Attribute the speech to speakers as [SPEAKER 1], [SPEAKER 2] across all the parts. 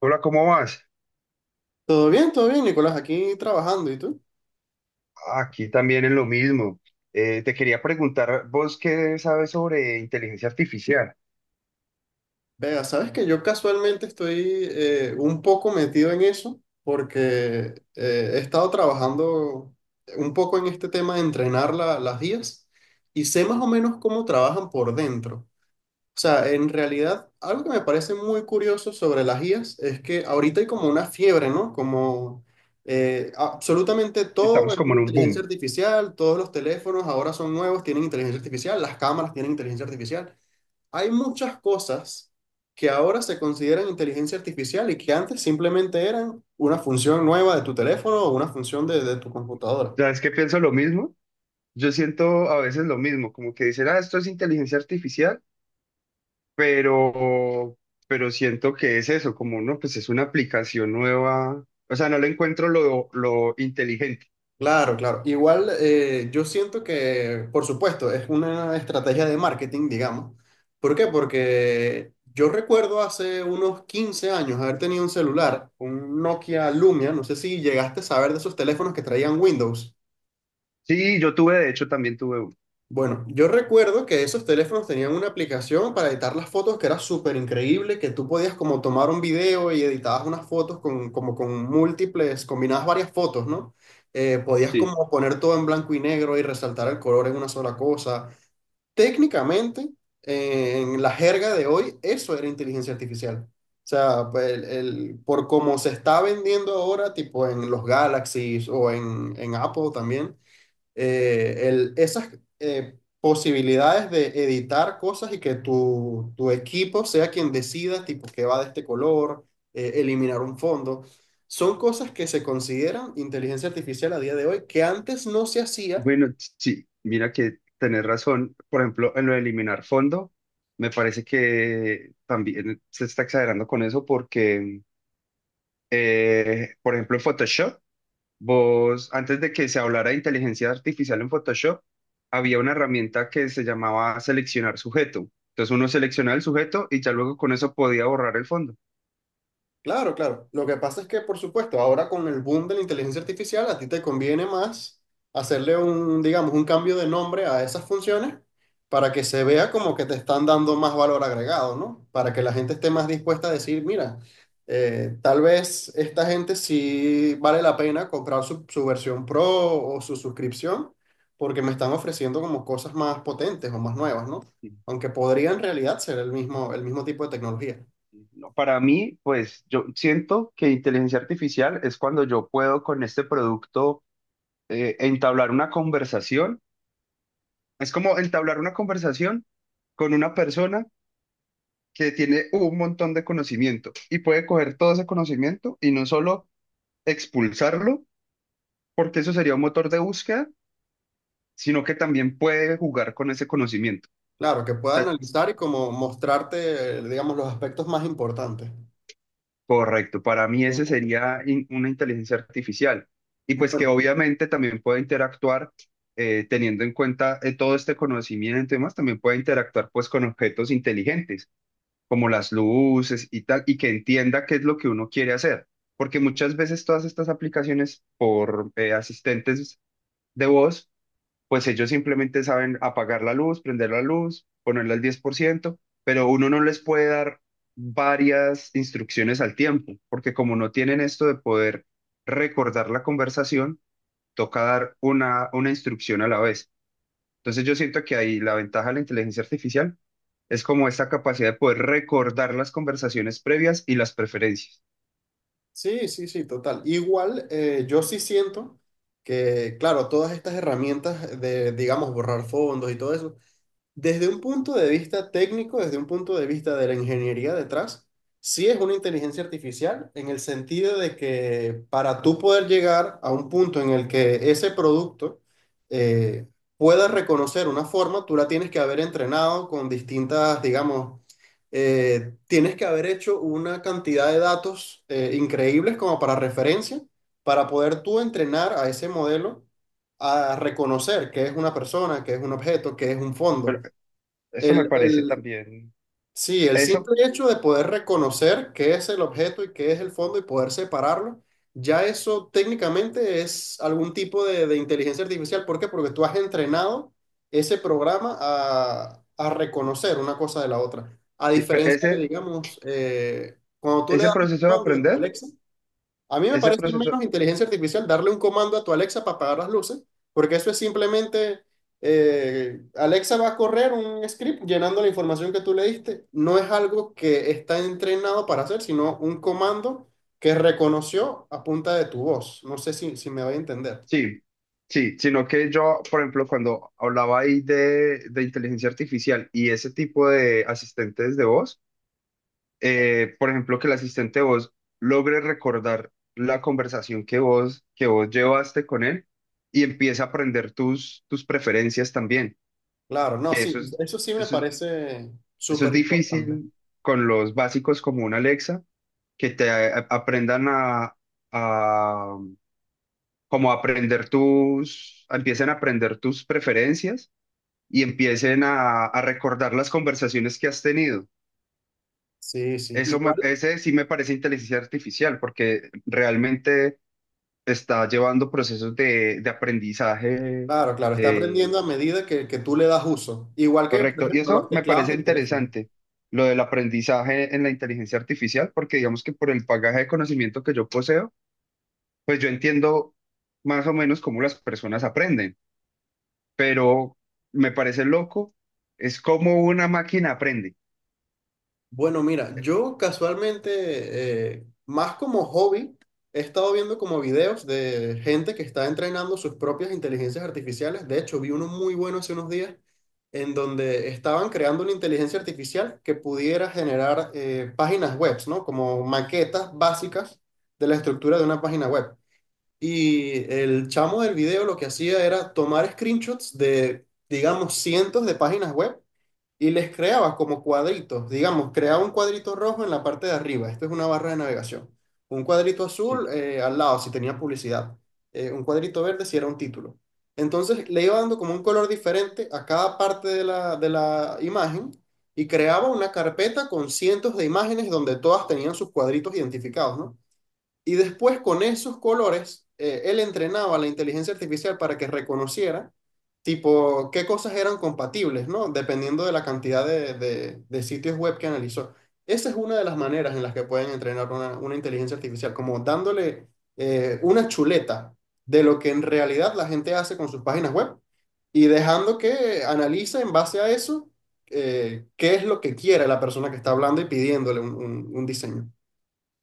[SPEAKER 1] Hola, ¿cómo vas?
[SPEAKER 2] Todo bien, Nicolás, aquí trabajando. ¿Y tú?
[SPEAKER 1] Aquí también en lo mismo. Te quería preguntar, ¿vos qué sabes sobre inteligencia artificial?
[SPEAKER 2] Vea, sabes que yo casualmente estoy un poco metido en eso porque he estado trabajando un poco en este tema de entrenar las guías y sé más o menos cómo trabajan por dentro. O sea, en realidad, algo que me parece muy curioso sobre las IAs es que ahorita hay como una fiebre, ¿no? Como absolutamente todo
[SPEAKER 1] Estamos
[SPEAKER 2] es
[SPEAKER 1] como
[SPEAKER 2] una
[SPEAKER 1] en un
[SPEAKER 2] inteligencia
[SPEAKER 1] boom.
[SPEAKER 2] artificial, todos los teléfonos ahora son nuevos, tienen inteligencia artificial, las cámaras tienen inteligencia artificial. Hay muchas cosas que ahora se consideran inteligencia artificial y que antes simplemente eran una función nueva de tu teléfono o una función de tu computadora.
[SPEAKER 1] ¿Sabes qué? Pienso lo mismo. Yo siento a veces lo mismo, como que dicen, ah, esto es inteligencia artificial, pero, pero siento que es eso, como no, pues es una aplicación nueva. O sea, no le encuentro lo inteligente.
[SPEAKER 2] Claro, claro. Igual yo siento que, por supuesto, es una estrategia de marketing, digamos. ¿Por qué? Porque yo recuerdo hace unos 15 años haber tenido un celular, un Nokia Lumia, no sé si llegaste a saber de esos teléfonos que traían Windows.
[SPEAKER 1] Sí, yo tuve, de hecho, también tuve uno.
[SPEAKER 2] Bueno, yo recuerdo que esos teléfonos tenían una aplicación para editar las fotos que era súper increíble, que tú podías como tomar un video y editabas unas fotos con, como con múltiples, combinabas varias fotos, ¿no? Podías
[SPEAKER 1] Sí.
[SPEAKER 2] como poner todo en blanco y negro y resaltar el color en una sola cosa. Técnicamente, en la jerga de hoy, eso era inteligencia artificial. O sea, pues, por cómo se está vendiendo ahora, tipo en los Galaxies o en Apple también esas posibilidades de editar cosas y que tu equipo sea quien decida, tipo, que va de este color, eliminar un fondo, son cosas que se consideran inteligencia artificial a día de hoy, que antes no se hacía.
[SPEAKER 1] Bueno, sí, mira que tenés razón. Por ejemplo, en lo de eliminar fondo, me parece que también se está exagerando con eso porque, por ejemplo, en Photoshop, vos, antes de que se hablara de inteligencia artificial en Photoshop, había una herramienta que se llamaba seleccionar sujeto. Entonces uno seleccionaba el sujeto y ya luego con eso podía borrar el fondo.
[SPEAKER 2] Claro, claro. Lo que pasa es que, por supuesto, ahora con el boom de la inteligencia artificial, a ti te conviene más hacerle un, digamos, un cambio de nombre a esas funciones para que se vea como que te están dando más valor agregado, ¿no? Para que la gente esté más dispuesta a decir, mira, tal vez esta gente sí vale la pena comprar su versión pro o su suscripción porque me están ofreciendo como cosas más potentes o más nuevas, ¿no? Aunque podría en realidad ser el mismo tipo de tecnología.
[SPEAKER 1] No. Para mí, pues yo siento que inteligencia artificial es cuando yo puedo con este producto entablar una conversación. Es como entablar una conversación con una persona que tiene un montón de conocimiento y puede coger todo ese conocimiento y no solo expulsarlo, porque eso sería un motor de búsqueda, sino que también puede jugar con ese conocimiento.
[SPEAKER 2] Claro, que
[SPEAKER 1] O
[SPEAKER 2] pueda
[SPEAKER 1] sea,
[SPEAKER 2] analizar y como mostrarte, digamos, los aspectos más importantes.
[SPEAKER 1] correcto, para
[SPEAKER 2] Que
[SPEAKER 1] mí ese
[SPEAKER 2] tengan.
[SPEAKER 1] sería una inteligencia artificial. Y pues que
[SPEAKER 2] Bueno,
[SPEAKER 1] obviamente también puede interactuar teniendo en cuenta todo este conocimiento y demás, también puede interactuar pues con objetos inteligentes como las luces y tal, y que entienda qué es lo que uno quiere hacer. Porque muchas veces todas estas aplicaciones por asistentes de voz, pues ellos simplemente saben apagar la luz, prender la luz, ponerla al 10%, pero uno no les puede dar varias instrucciones al tiempo, porque como no tienen esto de poder recordar la conversación, toca dar una instrucción a la vez. Entonces yo siento que ahí la ventaja de la inteligencia artificial es como esta capacidad de poder recordar las conversaciones previas y las preferencias.
[SPEAKER 2] sí, sí, sí, total. Igual, yo sí siento que, claro, todas estas herramientas de, digamos, borrar fondos y todo eso, desde un punto de vista técnico, desde un punto de vista de la ingeniería detrás, sí es una inteligencia artificial en el sentido de que para tú poder llegar a un punto en el que ese producto eh, pueda reconocer una forma, tú la tienes que haber entrenado con distintas, digamos, tienes que haber hecho una cantidad de datos increíbles como para referencia, para poder tú entrenar a ese modelo a reconocer qué es una persona, qué es un objeto, qué es un
[SPEAKER 1] Pero
[SPEAKER 2] fondo.
[SPEAKER 1] eso me
[SPEAKER 2] El,
[SPEAKER 1] parece
[SPEAKER 2] el-
[SPEAKER 1] también,
[SPEAKER 2] sí, el
[SPEAKER 1] eso,
[SPEAKER 2] simple hecho de poder reconocer qué es el objeto y qué es el fondo y poder separarlo, ya eso técnicamente es algún tipo de inteligencia artificial. ¿Por qué? Porque tú has entrenado ese programa a reconocer una cosa de la otra. A
[SPEAKER 1] sí, pero
[SPEAKER 2] diferencia de,
[SPEAKER 1] ese,
[SPEAKER 2] digamos, cuando tú le
[SPEAKER 1] ese
[SPEAKER 2] das un
[SPEAKER 1] proceso de
[SPEAKER 2] comando a tu
[SPEAKER 1] aprender,
[SPEAKER 2] Alexa, a mí me
[SPEAKER 1] ese
[SPEAKER 2] parece
[SPEAKER 1] proceso,
[SPEAKER 2] menos inteligencia artificial darle un comando a tu Alexa para apagar las luces, porque eso es simplemente, Alexa va a correr un script llenando la información que tú le diste. No es algo que está entrenado para hacer, sino un comando que reconoció a punta de tu voz. No sé si me voy a entender.
[SPEAKER 1] sí, sí, sino que yo, por ejemplo, cuando hablaba ahí de inteligencia artificial y ese tipo de asistentes de voz, por ejemplo, que el asistente de voz logre recordar la conversación que vos llevaste con él y empiece a aprender tus preferencias también,
[SPEAKER 2] Claro, no,
[SPEAKER 1] que
[SPEAKER 2] sí,
[SPEAKER 1] eso es,
[SPEAKER 2] eso sí me
[SPEAKER 1] eso es,
[SPEAKER 2] parece
[SPEAKER 1] eso es
[SPEAKER 2] súper importante.
[SPEAKER 1] difícil con los básicos como un Alexa, que te aprendan a como a aprender tus, empiecen a aprender tus preferencias y empiecen a recordar las conversaciones que has tenido.
[SPEAKER 2] Sí, sí,
[SPEAKER 1] Eso me,
[SPEAKER 2] igual,
[SPEAKER 1] ese sí me parece inteligencia artificial porque realmente está llevando procesos de aprendizaje.
[SPEAKER 2] claro, claro, está aprendiendo
[SPEAKER 1] eh,
[SPEAKER 2] a medida que tú le das uso. Igual que, por
[SPEAKER 1] Correcto. Y
[SPEAKER 2] ejemplo,
[SPEAKER 1] eso
[SPEAKER 2] los
[SPEAKER 1] me
[SPEAKER 2] teclados
[SPEAKER 1] parece
[SPEAKER 2] del teléfono.
[SPEAKER 1] interesante, lo del aprendizaje en la inteligencia artificial, porque digamos que por el bagaje de conocimiento que yo poseo, pues yo entiendo más o menos cómo las personas aprenden, pero me parece loco, es como una máquina aprende.
[SPEAKER 2] Bueno, mira, yo casualmente, más como hobby, he estado viendo como videos de gente que está entrenando sus propias inteligencias artificiales. De hecho, vi uno muy bueno hace unos días en donde estaban creando una inteligencia artificial que pudiera generar páginas web, ¿no? Como maquetas básicas de la estructura de una página web. Y el chamo del video lo que hacía era tomar screenshots de, digamos, cientos de páginas web y les creaba como cuadritos, digamos, creaba un cuadrito rojo en la parte de arriba, esto es una barra de navegación, un cuadrito
[SPEAKER 1] Sí.
[SPEAKER 2] azul al lado si tenía publicidad, un cuadrito verde si era un título. Entonces le iba dando como un color diferente a cada parte de la imagen y creaba una carpeta con cientos de imágenes donde todas tenían sus cuadritos identificados, ¿no? Y después con esos colores, él entrenaba a la inteligencia artificial para que reconociera tipo, qué cosas eran compatibles, ¿no? Dependiendo de la cantidad de, de sitios web que analizó. Esa es una de las maneras en las que pueden entrenar una inteligencia artificial, como dándole una chuleta de lo que en realidad la gente hace con sus páginas web y dejando que analice en base a eso qué es lo que quiere la persona que está hablando y pidiéndole un un diseño.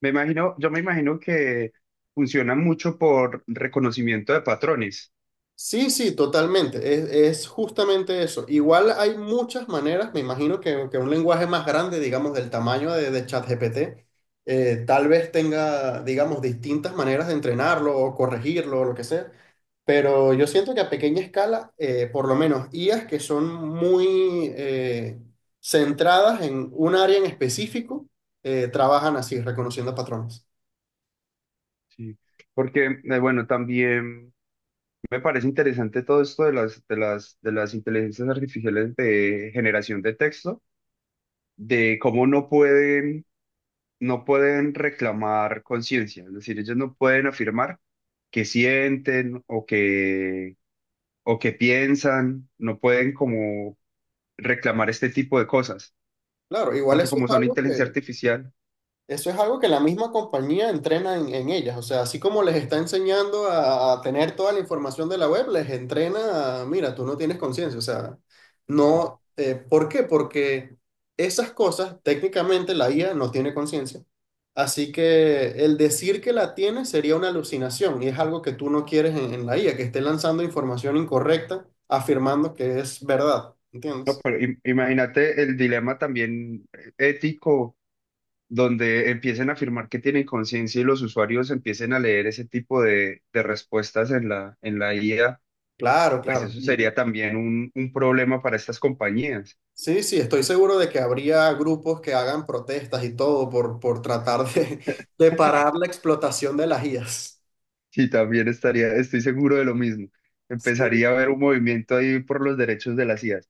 [SPEAKER 1] Me imagino, yo me imagino que funciona mucho por reconocimiento de patrones.
[SPEAKER 2] Sí, sí, totalmente. Es justamente eso. Igual hay muchas maneras, me imagino que un lenguaje más grande, digamos, del tamaño de ChatGPT, tal vez tenga, digamos, distintas maneras de entrenarlo o corregirlo o lo que sea. Pero yo siento que a pequeña escala, por lo menos IAs que son muy centradas en un área en específico, trabajan así, reconociendo patrones.
[SPEAKER 1] Sí, porque bueno, también me parece interesante todo esto de las, de las, de las inteligencias artificiales de generación de texto, de cómo no pueden, no pueden reclamar conciencia, es decir, ellos no pueden afirmar que sienten o que piensan, no pueden como reclamar este tipo de cosas,
[SPEAKER 2] Claro, igual
[SPEAKER 1] porque
[SPEAKER 2] eso es
[SPEAKER 1] como son
[SPEAKER 2] algo.
[SPEAKER 1] inteligencia artificial,
[SPEAKER 2] Eso es algo que la misma compañía entrena en ellas. O sea, así como les está enseñando a tener toda la información de la web, les entrena a, mira, tú no tienes conciencia. O sea,
[SPEAKER 1] sí.
[SPEAKER 2] no. ¿Por qué? Porque esas cosas, técnicamente, la IA no tiene conciencia. Así que el decir que la tiene sería una alucinación y es algo que tú no quieres en la IA, que esté lanzando información incorrecta, afirmando que es verdad.
[SPEAKER 1] No,
[SPEAKER 2] ¿Entiendes?
[SPEAKER 1] pero imagínate el dilema también ético donde empiecen a afirmar que tienen conciencia y los usuarios empiecen a leer ese tipo de respuestas en la IA,
[SPEAKER 2] Claro,
[SPEAKER 1] pues
[SPEAKER 2] claro.
[SPEAKER 1] eso sería también un problema para estas compañías.
[SPEAKER 2] Sí, sí, estoy seguro de que habría grupos que hagan protestas y todo por tratar de parar la explotación de las IAs.
[SPEAKER 1] Sí, también estaría, estoy seguro de lo mismo.
[SPEAKER 2] Sí.
[SPEAKER 1] Empezaría a haber un movimiento ahí por los derechos de las IAs.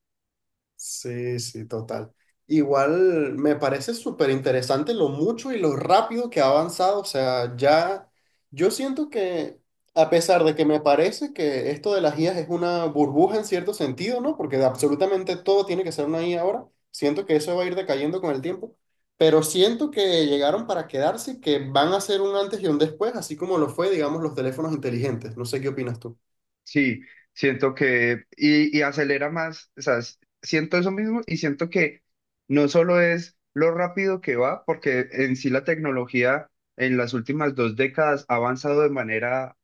[SPEAKER 2] Sí, sí, total. Igual me parece súper interesante lo mucho y lo rápido que ha avanzado. O sea, ya yo siento que, a pesar de que me parece que esto de las IAs es una burbuja en cierto sentido, ¿no? Porque de absolutamente todo tiene que ser una IA ahora. Siento que eso va a ir decayendo con el tiempo. Pero siento que llegaron para quedarse y que van a ser un antes y un después, así como lo fue, digamos, los teléfonos inteligentes. No sé qué opinas tú.
[SPEAKER 1] Sí, siento que, y acelera más, o sea, siento eso mismo y siento que no solo es lo rápido que va, porque en sí la tecnología en las últimas 2 décadas ha avanzado de manera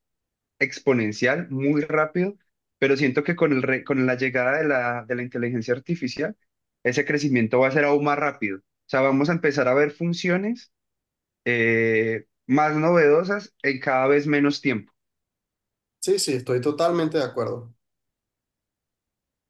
[SPEAKER 1] exponencial, muy rápido, pero siento que con el con la llegada de la inteligencia artificial, ese crecimiento va a ser aún más rápido. O sea, vamos a empezar a ver funciones más novedosas en cada vez menos tiempo.
[SPEAKER 2] Sí, sí, estoy totalmente de acuerdo.